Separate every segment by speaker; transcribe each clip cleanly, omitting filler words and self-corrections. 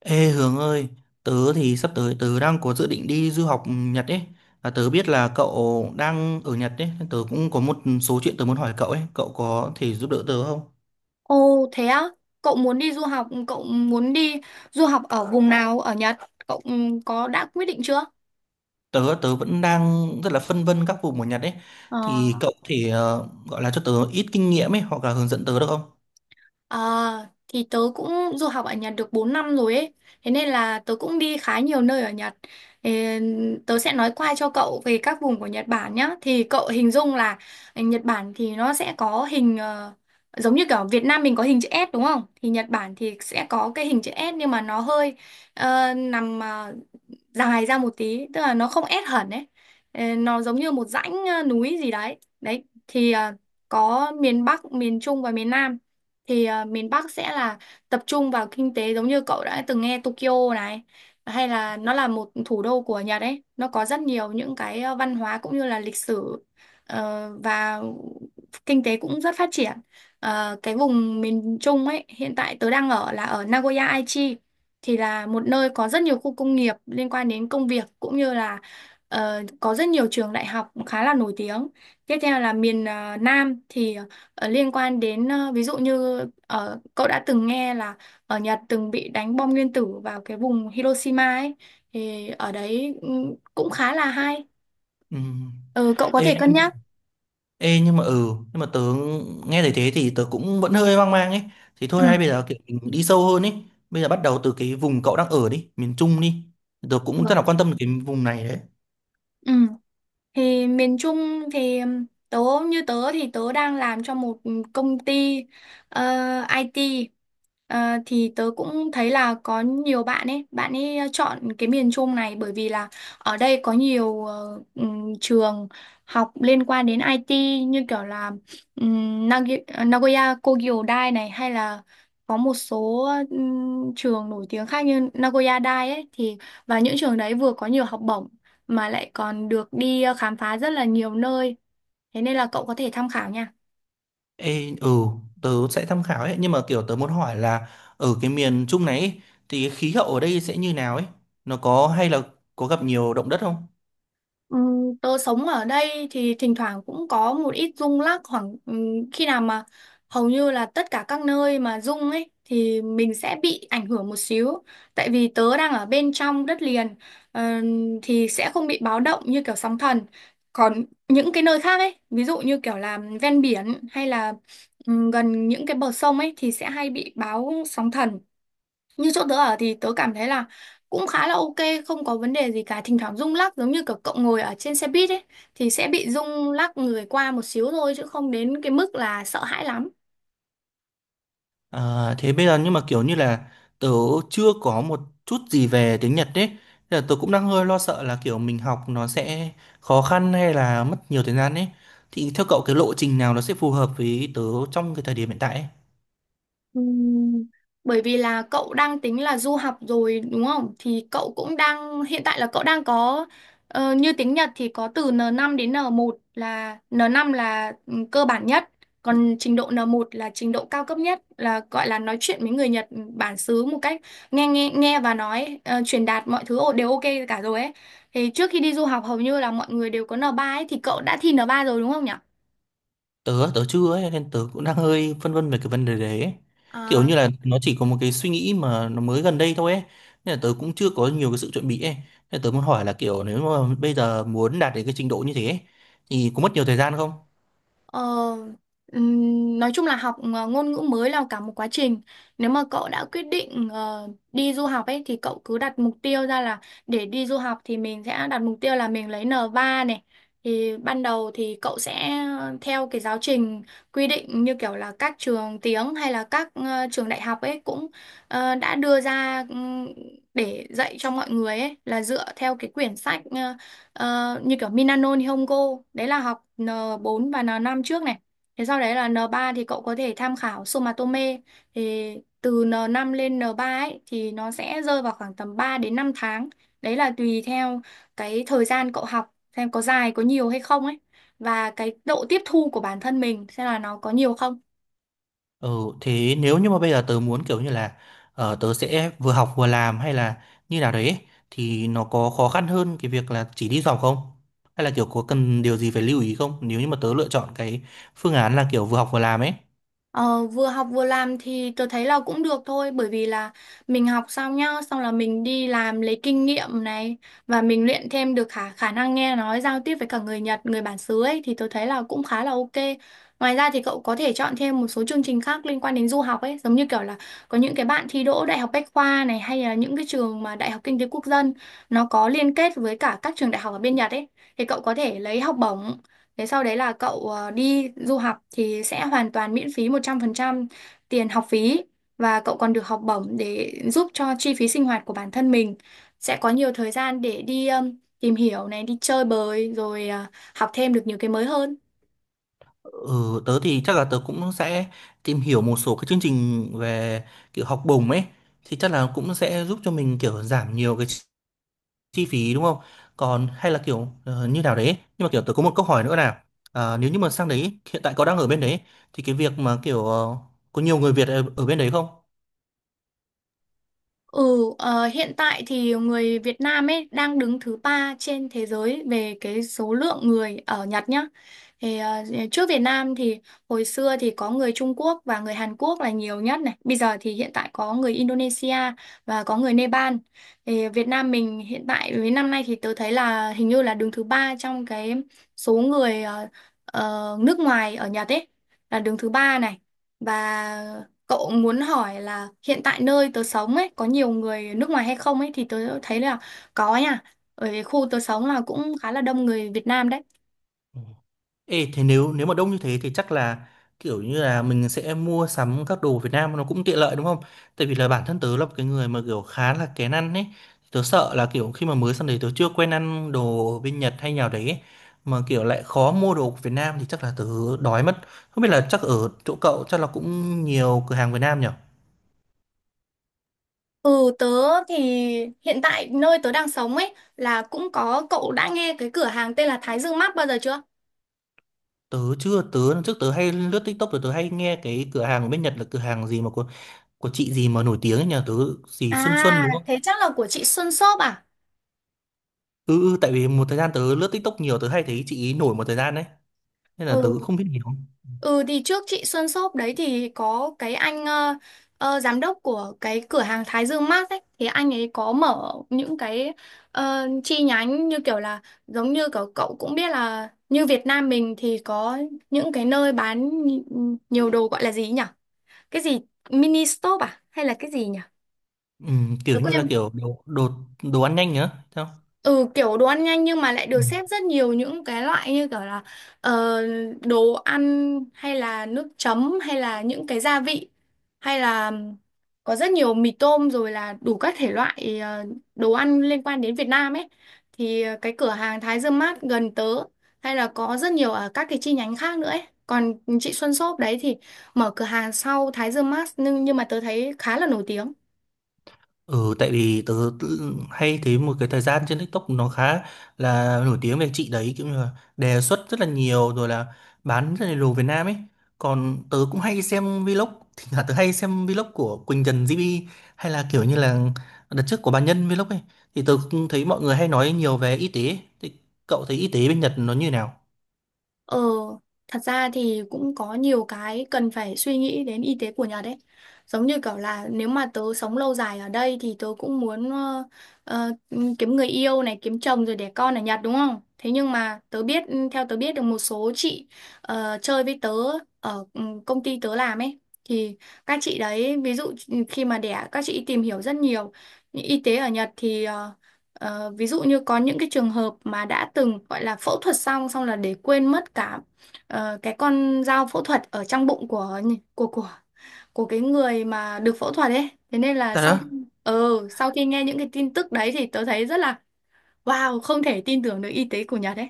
Speaker 1: Ê Hướng ơi, tớ thì sắp tới tớ đang có dự định đi du học Nhật ấy. Và tớ biết là cậu đang ở Nhật ấy, nên tớ cũng có một số chuyện tớ muốn hỏi cậu ấy, cậu có thể giúp đỡ tớ không?
Speaker 2: Ồ thế á, cậu muốn đi du học ở vùng nào ở Nhật? Cậu có đã quyết định chưa?
Speaker 1: Tớ tớ vẫn đang rất là phân vân các vùng ở Nhật ấy.
Speaker 2: Ờ,
Speaker 1: Thì cậu có thể gọi là cho tớ ít kinh nghiệm ấy hoặc là hướng dẫn tớ được không?
Speaker 2: à, thì tớ cũng du học ở Nhật được 4 năm rồi ấy. Thế nên là tớ cũng đi khá nhiều nơi ở Nhật. Ê, tớ sẽ nói qua cho cậu về các vùng của Nhật Bản nhá. Thì cậu hình dung là Nhật Bản thì nó sẽ có hình giống như kiểu Việt Nam mình có hình chữ S đúng không? Thì Nhật Bản thì sẽ có cái hình chữ S, nhưng mà nó hơi nằm dài ra một tí, tức là nó không ép hẳn ấy. Nó giống như một dãnh núi gì đấy đấy, thì có miền Bắc, miền Trung và miền Nam. Thì miền Bắc sẽ là tập trung vào kinh tế, giống như cậu đã từng nghe Tokyo này, hay là nó là một thủ đô của Nhật ấy, nó có rất nhiều những cái văn hóa cũng như là lịch sử, và kinh tế cũng rất phát triển. Cái vùng miền Trung ấy hiện tại tớ đang ở là ở Nagoya Aichi, thì là một nơi có rất nhiều khu công nghiệp liên quan đến công việc, cũng như là có rất nhiều trường đại học khá là nổi tiếng. Tiếp theo là miền Nam thì liên quan đến, ví dụ như, cậu đã từng nghe là ở Nhật từng bị đánh bom nguyên tử vào cái vùng Hiroshima ấy, thì ở đấy cũng khá là hay.
Speaker 1: Ừ.
Speaker 2: Ừ, cậu có
Speaker 1: Ê
Speaker 2: thể cân nhắc.
Speaker 1: Ê nhưng mà nhưng mà tớ nghe thấy thế thì tớ cũng vẫn hơi hoang mang ấy, thì
Speaker 2: Ừ.
Speaker 1: thôi hay bây giờ kiểu mình đi sâu hơn ấy, bây giờ bắt đầu từ cái vùng cậu đang ở đi, miền Trung đi, tớ cũng rất
Speaker 2: Được.
Speaker 1: là quan tâm đến cái vùng này đấy.
Speaker 2: Ừ. Thì miền Trung thì tớ, như tớ thì tớ đang làm cho một công ty ờ, IT. Ờ, thì tớ cũng thấy là có nhiều bạn ấy chọn cái miền Trung này, bởi vì là ở đây có nhiều trường học liên quan đến IT, như kiểu là Nagoya Kogyo Dai này, hay là có một số trường nổi tiếng khác như Nagoya Dai ấy thì, và những trường đấy vừa có nhiều học bổng, mà lại còn được đi khám phá rất là nhiều nơi. Thế nên là cậu có thể tham khảo nha.
Speaker 1: Ê, ừ, tớ sẽ tham khảo ấy, nhưng mà kiểu tớ muốn hỏi là ở cái miền Trung này ấy, thì cái khí hậu ở đây sẽ như nào ấy, nó có hay là có gặp nhiều động đất không?
Speaker 2: Tớ sống ở đây thì thỉnh thoảng cũng có một ít rung lắc, khoảng khi nào mà hầu như là tất cả các nơi mà rung ấy thì mình sẽ bị ảnh hưởng một xíu. Tại vì tớ đang ở bên trong đất liền, thì sẽ không bị báo động như kiểu sóng thần. Còn những cái nơi khác ấy, ví dụ như kiểu là ven biển, hay là gần những cái bờ sông ấy, thì sẽ hay bị báo sóng thần. Như chỗ tớ ở thì tớ cảm thấy là cũng khá là ok, không có vấn đề gì cả. Thỉnh thoảng rung lắc giống như kiểu cậu ngồi ở trên xe buýt ấy, thì sẽ bị rung lắc người qua một xíu thôi, chứ không đến cái mức là sợ hãi lắm.
Speaker 1: À, thế bây giờ nhưng mà kiểu như là tớ chưa có một chút gì về tiếng Nhật đấy. Nên là tớ cũng đang hơi lo sợ là kiểu mình học nó sẽ khó khăn hay là mất nhiều thời gian ấy. Thì theo cậu cái lộ trình nào nó sẽ phù hợp với tớ trong cái thời điểm hiện tại ấy?
Speaker 2: Ừm, Bởi vì là cậu đang tính là du học rồi đúng không? Thì cậu cũng đang hiện tại là cậu đang có, như tiếng Nhật thì có từ N5 đến N1, là N5 là cơ bản nhất, còn trình độ N1 là trình độ cao cấp nhất, là gọi là nói chuyện với người Nhật bản xứ một cách nghe nghe nghe và nói, truyền đạt mọi thứ đều ok cả rồi ấy. Thì trước khi đi du học hầu như là mọi người đều có N3 ấy, thì cậu đã thi N3 rồi đúng không nhỉ?
Speaker 1: Tớ tớ chưa ấy, nên tớ cũng đang hơi phân vân về cái vấn đề đấy ấy. Kiểu
Speaker 2: À,
Speaker 1: như là nó chỉ có một cái suy nghĩ mà nó mới gần đây thôi ấy. Nên là tớ cũng chưa có nhiều cái sự chuẩn bị ấy. Nên là tớ muốn hỏi là kiểu nếu mà bây giờ muốn đạt đến cái trình độ như thế ấy, thì có mất nhiều thời gian không?
Speaker 2: Ờ, nói chung là học ngôn ngữ mới là cả một quá trình. Nếu mà cậu đã quyết định đi du học ấy, thì cậu cứ đặt mục tiêu ra là để đi du học, thì mình sẽ đặt mục tiêu là mình lấy N3 này. Thì ban đầu thì cậu sẽ theo cái giáo trình quy định, như kiểu là các trường tiếng hay là các trường đại học ấy cũng đã đưa ra, để dạy cho mọi người ấy, là dựa theo cái quyển sách Ờ, như kiểu Minano Nihongo, đấy là học N4 và N5 trước này. Thế sau đấy là N3, thì cậu có thể tham khảo Sumatome. Thì từ N5 lên N3 ấy thì nó sẽ rơi vào khoảng tầm 3 đến 5 tháng, đấy là tùy theo cái thời gian cậu học xem có dài có nhiều hay không ấy, và cái độ tiếp thu của bản thân mình xem là nó có nhiều không.
Speaker 1: Ừ, thế nếu như mà bây giờ tớ muốn kiểu như là tớ sẽ vừa học vừa làm hay là như nào đấy ấy, thì nó có khó khăn hơn cái việc là chỉ đi du học không? Hay là kiểu có cần điều gì phải lưu ý không? Nếu như mà tớ lựa chọn cái phương án là kiểu vừa học vừa làm ấy.
Speaker 2: Ờ, vừa học vừa làm thì tôi thấy là cũng được thôi, bởi vì là mình học xong nhá, xong là mình đi làm lấy kinh nghiệm này, và mình luyện thêm được khả khả năng nghe nói giao tiếp với cả người Nhật, người bản xứ ấy, thì tôi thấy là cũng khá là ok. Ngoài ra thì cậu có thể chọn thêm một số chương trình khác liên quan đến du học ấy, giống như kiểu là có những cái bạn thi đỗ Đại học Bách khoa này, hay là những cái trường mà Đại học Kinh tế Quốc dân nó có liên kết với cả các trường đại học ở bên Nhật ấy, thì cậu có thể lấy học bổng. Thế sau đấy là cậu đi du học thì sẽ hoàn toàn miễn phí 100% tiền học phí, và cậu còn được học bổng để giúp cho chi phí sinh hoạt của bản thân mình. Sẽ có nhiều thời gian để đi tìm hiểu này, đi chơi bời, rồi học thêm được nhiều cái mới hơn.
Speaker 1: Ừ, tớ thì chắc là tớ cũng sẽ tìm hiểu một số cái chương trình về kiểu học bổng ấy, thì chắc là cũng sẽ giúp cho mình kiểu giảm nhiều cái chi phí đúng không, còn hay là kiểu như nào đấy, nhưng mà kiểu tôi có một câu hỏi nữa là à, nếu như mà sang đấy hiện tại có đang ở bên đấy thì cái việc mà kiểu có nhiều người Việt ở bên đấy không?
Speaker 2: Ừ, ờ, hiện tại thì người Việt Nam ấy đang đứng thứ ba trên thế giới về cái số lượng người ở Nhật nhá. Thì trước Việt Nam thì hồi xưa thì có người Trung Quốc và người Hàn Quốc là nhiều nhất này. Bây giờ thì hiện tại có người Indonesia và có người Nepal. Thì Việt Nam mình hiện tại với năm nay thì tôi thấy là hình như là đứng thứ ba trong cái số người nước ngoài ở Nhật ấy, là đứng thứ ba này. Và cậu muốn hỏi là hiện tại nơi tớ sống ấy có nhiều người nước ngoài hay không ấy, thì tớ thấy là có nha. Ở khu tớ sống là cũng khá là đông người Việt Nam đấy.
Speaker 1: Ê, thế nếu nếu mà đông như thế thì chắc là kiểu như là mình sẽ mua sắm các đồ Việt Nam nó cũng tiện lợi đúng không? Tại vì là bản thân tớ là một cái người mà kiểu khá là kén ăn ấy. Tớ sợ là kiểu khi mà mới sang đấy tớ chưa quen ăn đồ bên Nhật hay nào đấy ấy. Mà kiểu lại khó mua đồ của Việt Nam thì chắc là tớ đói mất. Không biết là chắc ở chỗ cậu chắc là cũng nhiều cửa hàng Việt Nam nhỉ?
Speaker 2: Ừ, tớ thì hiện tại nơi tớ đang sống ấy là cũng có. Cậu đã nghe cái cửa hàng tên là Thái Dương Mart bao giờ chưa?
Speaker 1: Tớ chưa, trước tớ hay lướt TikTok rồi tớ hay nghe cái cửa hàng ở bên Nhật là cửa hàng gì mà của chị gì mà nổi tiếng ấy nhỉ? Tớ gì Xuân Xuân đúng
Speaker 2: À
Speaker 1: không?
Speaker 2: thế chắc là của chị Xuân Shop à?
Speaker 1: Ừ, ừ, tại vì một thời gian tớ lướt TikTok nhiều tớ hay thấy chị ý nổi một thời gian đấy, nên là tớ
Speaker 2: Ừ,
Speaker 1: cũng không biết nhiều.
Speaker 2: ừ, thì trước chị Xuân Shop đấy thì có cái anh giám đốc của cái cửa hàng Thái Dương Mart ấy, thì anh ấy có mở những cái chi nhánh, như kiểu là giống như kiểu cậu cũng biết là như Việt Nam mình thì có những cái nơi bán nhiều đồ, gọi là gì nhỉ? Cái gì mini shop à, hay là cái gì nhỉ?
Speaker 1: Ừ,
Speaker 2: Tớ
Speaker 1: kiểu như
Speaker 2: quên.
Speaker 1: là kiểu đồ đồ đồ ăn nhanh nhá sao.
Speaker 2: Ừ, kiểu đồ ăn nhanh, nhưng mà lại được
Speaker 1: Ừ.
Speaker 2: xếp rất nhiều những cái loại như kiểu là ờ, đồ ăn, hay là nước chấm, hay là những cái gia vị, hay là có rất nhiều mì tôm, rồi là đủ các thể loại đồ ăn liên quan đến Việt Nam ấy. Thì cái cửa hàng Thái Dương Mart gần tớ, hay là có rất nhiều ở các cái chi nhánh khác nữa ấy. Còn chị Xuân Shop đấy thì mở cửa hàng sau Thái Dương Mart, nhưng mà tớ thấy khá là nổi tiếng.
Speaker 1: Ừ, tại vì hay thấy một cái thời gian trên TikTok nó khá là nổi tiếng về chị đấy, kiểu như là đề xuất rất là nhiều, rồi là bán rất là đồ Việt Nam ấy. Còn tớ cũng hay xem vlog, thì là tớ hay xem vlog của Quỳnh Trần GB hay là kiểu như là đợt trước của bà Nhân vlog ấy. Thì tớ cũng thấy mọi người hay nói nhiều về y tế ấy. Thì cậu thấy y tế bên Nhật nó như nào?
Speaker 2: Ờ, thật ra thì cũng có nhiều cái cần phải suy nghĩ đến y tế của Nhật ấy. Giống như kiểu là nếu mà tớ sống lâu dài ở đây thì tớ cũng muốn, ờ, kiếm người yêu này, kiếm chồng rồi đẻ con ở Nhật đúng không? Thế nhưng mà tớ biết, theo tớ biết được một số chị chơi với tớ ở công ty tớ làm ấy. Thì các chị đấy, ví dụ khi mà đẻ, các chị tìm hiểu rất nhiều. Y tế ở Nhật thì ví dụ như có những cái trường hợp mà đã từng gọi là phẫu thuật, xong xong là để quên mất cả cái con dao phẫu thuật ở trong bụng của của của cái người mà được phẫu thuật ấy. Thế nên là
Speaker 1: Thật đó.
Speaker 2: sau khi nghe những cái tin tức đấy thì tớ thấy rất là wow, không thể tin tưởng được y tế của Nhật ấy.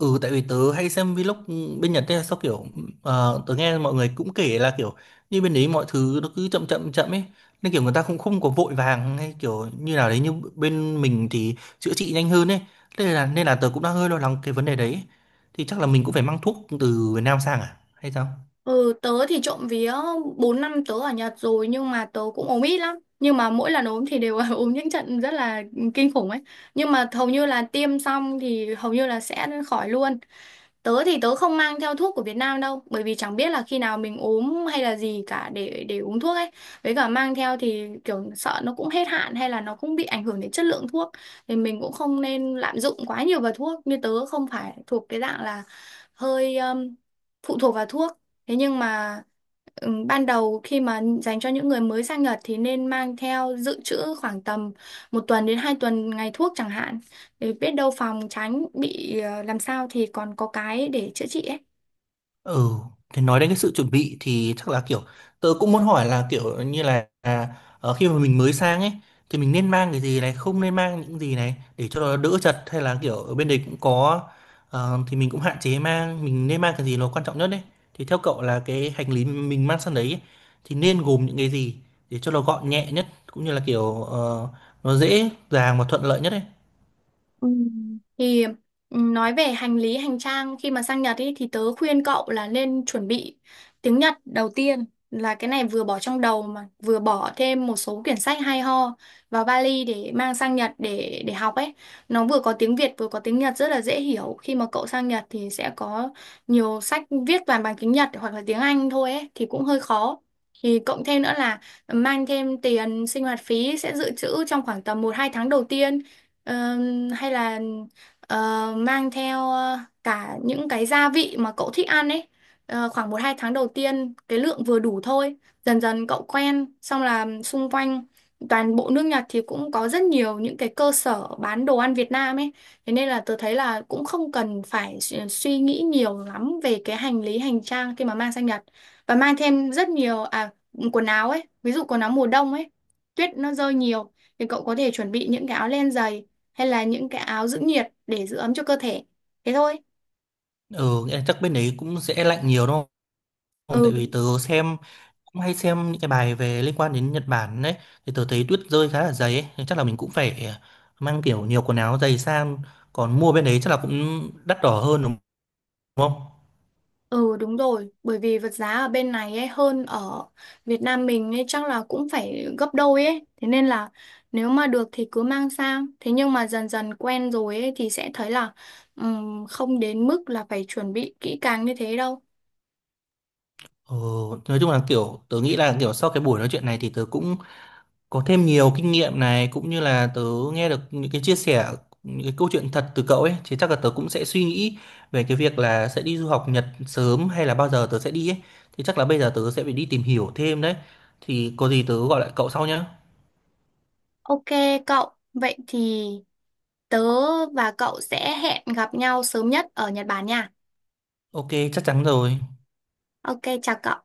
Speaker 1: Ừ, tại vì tớ hay xem vlog bên Nhật ấy, sao kiểu tớ nghe mọi người cũng kể là kiểu như bên đấy mọi thứ nó cứ chậm chậm chậm ấy, nên kiểu người ta cũng không có vội vàng hay kiểu như nào đấy, như bên mình thì chữa trị nhanh hơn ấy, nên là tớ cũng đang hơi lo lắng cái vấn đề đấy, thì chắc là mình cũng phải mang thuốc từ Việt Nam sang à hay sao?
Speaker 2: Ừ, tớ thì trộm vía 4 năm tớ ở Nhật rồi, nhưng mà tớ cũng ốm ít lắm. Nhưng mà mỗi lần ốm thì đều ốm những trận rất là kinh khủng ấy. Nhưng mà hầu như là tiêm xong thì hầu như là sẽ khỏi luôn. Tớ thì tớ không mang theo thuốc của Việt Nam đâu, bởi vì chẳng biết là khi nào mình ốm hay là gì cả để uống thuốc ấy. Với cả mang theo thì kiểu sợ nó cũng hết hạn, hay là nó cũng bị ảnh hưởng đến chất lượng thuốc, thì mình cũng không nên lạm dụng quá nhiều vào thuốc. Như tớ không phải thuộc cái dạng là hơi phụ thuộc vào thuốc. Thế nhưng mà ban đầu khi mà dành cho những người mới sang Nhật thì nên mang theo dự trữ khoảng tầm 1 tuần đến 2 tuần ngày thuốc chẳng hạn, để biết đâu phòng tránh bị làm sao thì còn có cái để chữa trị ấy.
Speaker 1: Ừ, thì nói đến cái sự chuẩn bị thì chắc là kiểu tớ cũng muốn hỏi là kiểu như là à, khi mà mình mới sang ấy thì mình nên mang cái gì này, không nên mang những gì này để cho nó đỡ chật, hay là kiểu ở bên đấy cũng có thì mình cũng hạn chế mang, mình nên mang cái gì nó quan trọng nhất đấy. Thì theo cậu là cái hành lý mình mang sang đấy ấy, thì nên gồm những cái gì để cho nó gọn nhẹ nhất cũng như là kiểu nó dễ dàng và thuận lợi nhất đấy.
Speaker 2: Ừ. Thì nói về hành lý hành trang khi mà sang Nhật ý, thì tớ khuyên cậu là nên chuẩn bị tiếng Nhật đầu tiên, là cái này vừa bỏ trong đầu, mà vừa bỏ thêm một số quyển sách hay ho vào vali để mang sang Nhật để học ấy, nó vừa có tiếng Việt vừa có tiếng Nhật rất là dễ hiểu. Khi mà cậu sang Nhật thì sẽ có nhiều sách viết toàn bằng tiếng Nhật hoặc là tiếng Anh thôi ấy, thì cũng hơi khó. Thì cộng thêm nữa là mang thêm tiền sinh hoạt phí sẽ dự trữ trong khoảng tầm 1-2 tháng đầu tiên. Ờ, hay là ờ, mang theo cả những cái gia vị mà cậu thích ăn ấy. Khoảng 1-2 tháng đầu tiên cái lượng vừa đủ thôi, dần dần cậu quen xong là xung quanh toàn bộ nước Nhật thì cũng có rất nhiều những cái cơ sở bán đồ ăn Việt Nam ấy. Thế nên là tớ thấy là cũng không cần phải suy nghĩ nhiều lắm về cái hành lý hành trang khi mà mang sang Nhật, và mang thêm rất nhiều quần áo ấy, ví dụ quần áo mùa đông ấy, tuyết nó rơi nhiều, thì cậu có thể chuẩn bị những cái áo len dày, hay là những cái áo giữ nhiệt để giữ ấm cho cơ thể. Thế thôi.
Speaker 1: Ừ, nghĩa là chắc bên đấy cũng sẽ lạnh nhiều đúng không?
Speaker 2: Ừ,
Speaker 1: Tại vì tớ xem, cũng hay xem những cái bài về liên quan đến Nhật Bản đấy, thì tớ thấy tuyết rơi khá là dày ấy. Thì chắc là mình cũng phải à, mang kiểu nhiều quần áo dày sang, còn mua bên đấy chắc là cũng đắt đỏ hơn đúng không?
Speaker 2: ừ đúng rồi, bởi vì vật giá ở bên này ấy hơn ở Việt Nam mình ấy chắc là cũng phải gấp đôi ấy. Thế nên là nếu mà được thì cứ mang sang. Thế nhưng mà dần dần quen rồi ấy thì sẽ thấy là không đến mức là phải chuẩn bị kỹ càng như thế đâu.
Speaker 1: ờ, nói chung là kiểu tớ nghĩ là kiểu sau cái buổi nói chuyện này thì tớ cũng có thêm nhiều kinh nghiệm này, cũng như là tớ nghe được những cái chia sẻ, những cái câu chuyện thật từ cậu ấy, thì chắc là tớ cũng sẽ suy nghĩ về cái việc là sẽ đi du học Nhật sớm hay là bao giờ tớ sẽ đi ấy, thì chắc là bây giờ tớ sẽ phải đi tìm hiểu thêm đấy, thì có gì tớ gọi lại cậu sau nhé.
Speaker 2: Ok, cậu, vậy thì tớ và cậu sẽ hẹn gặp nhau sớm nhất ở Nhật Bản nha.
Speaker 1: Ok, chắc chắn rồi.
Speaker 2: Ok, chào cậu.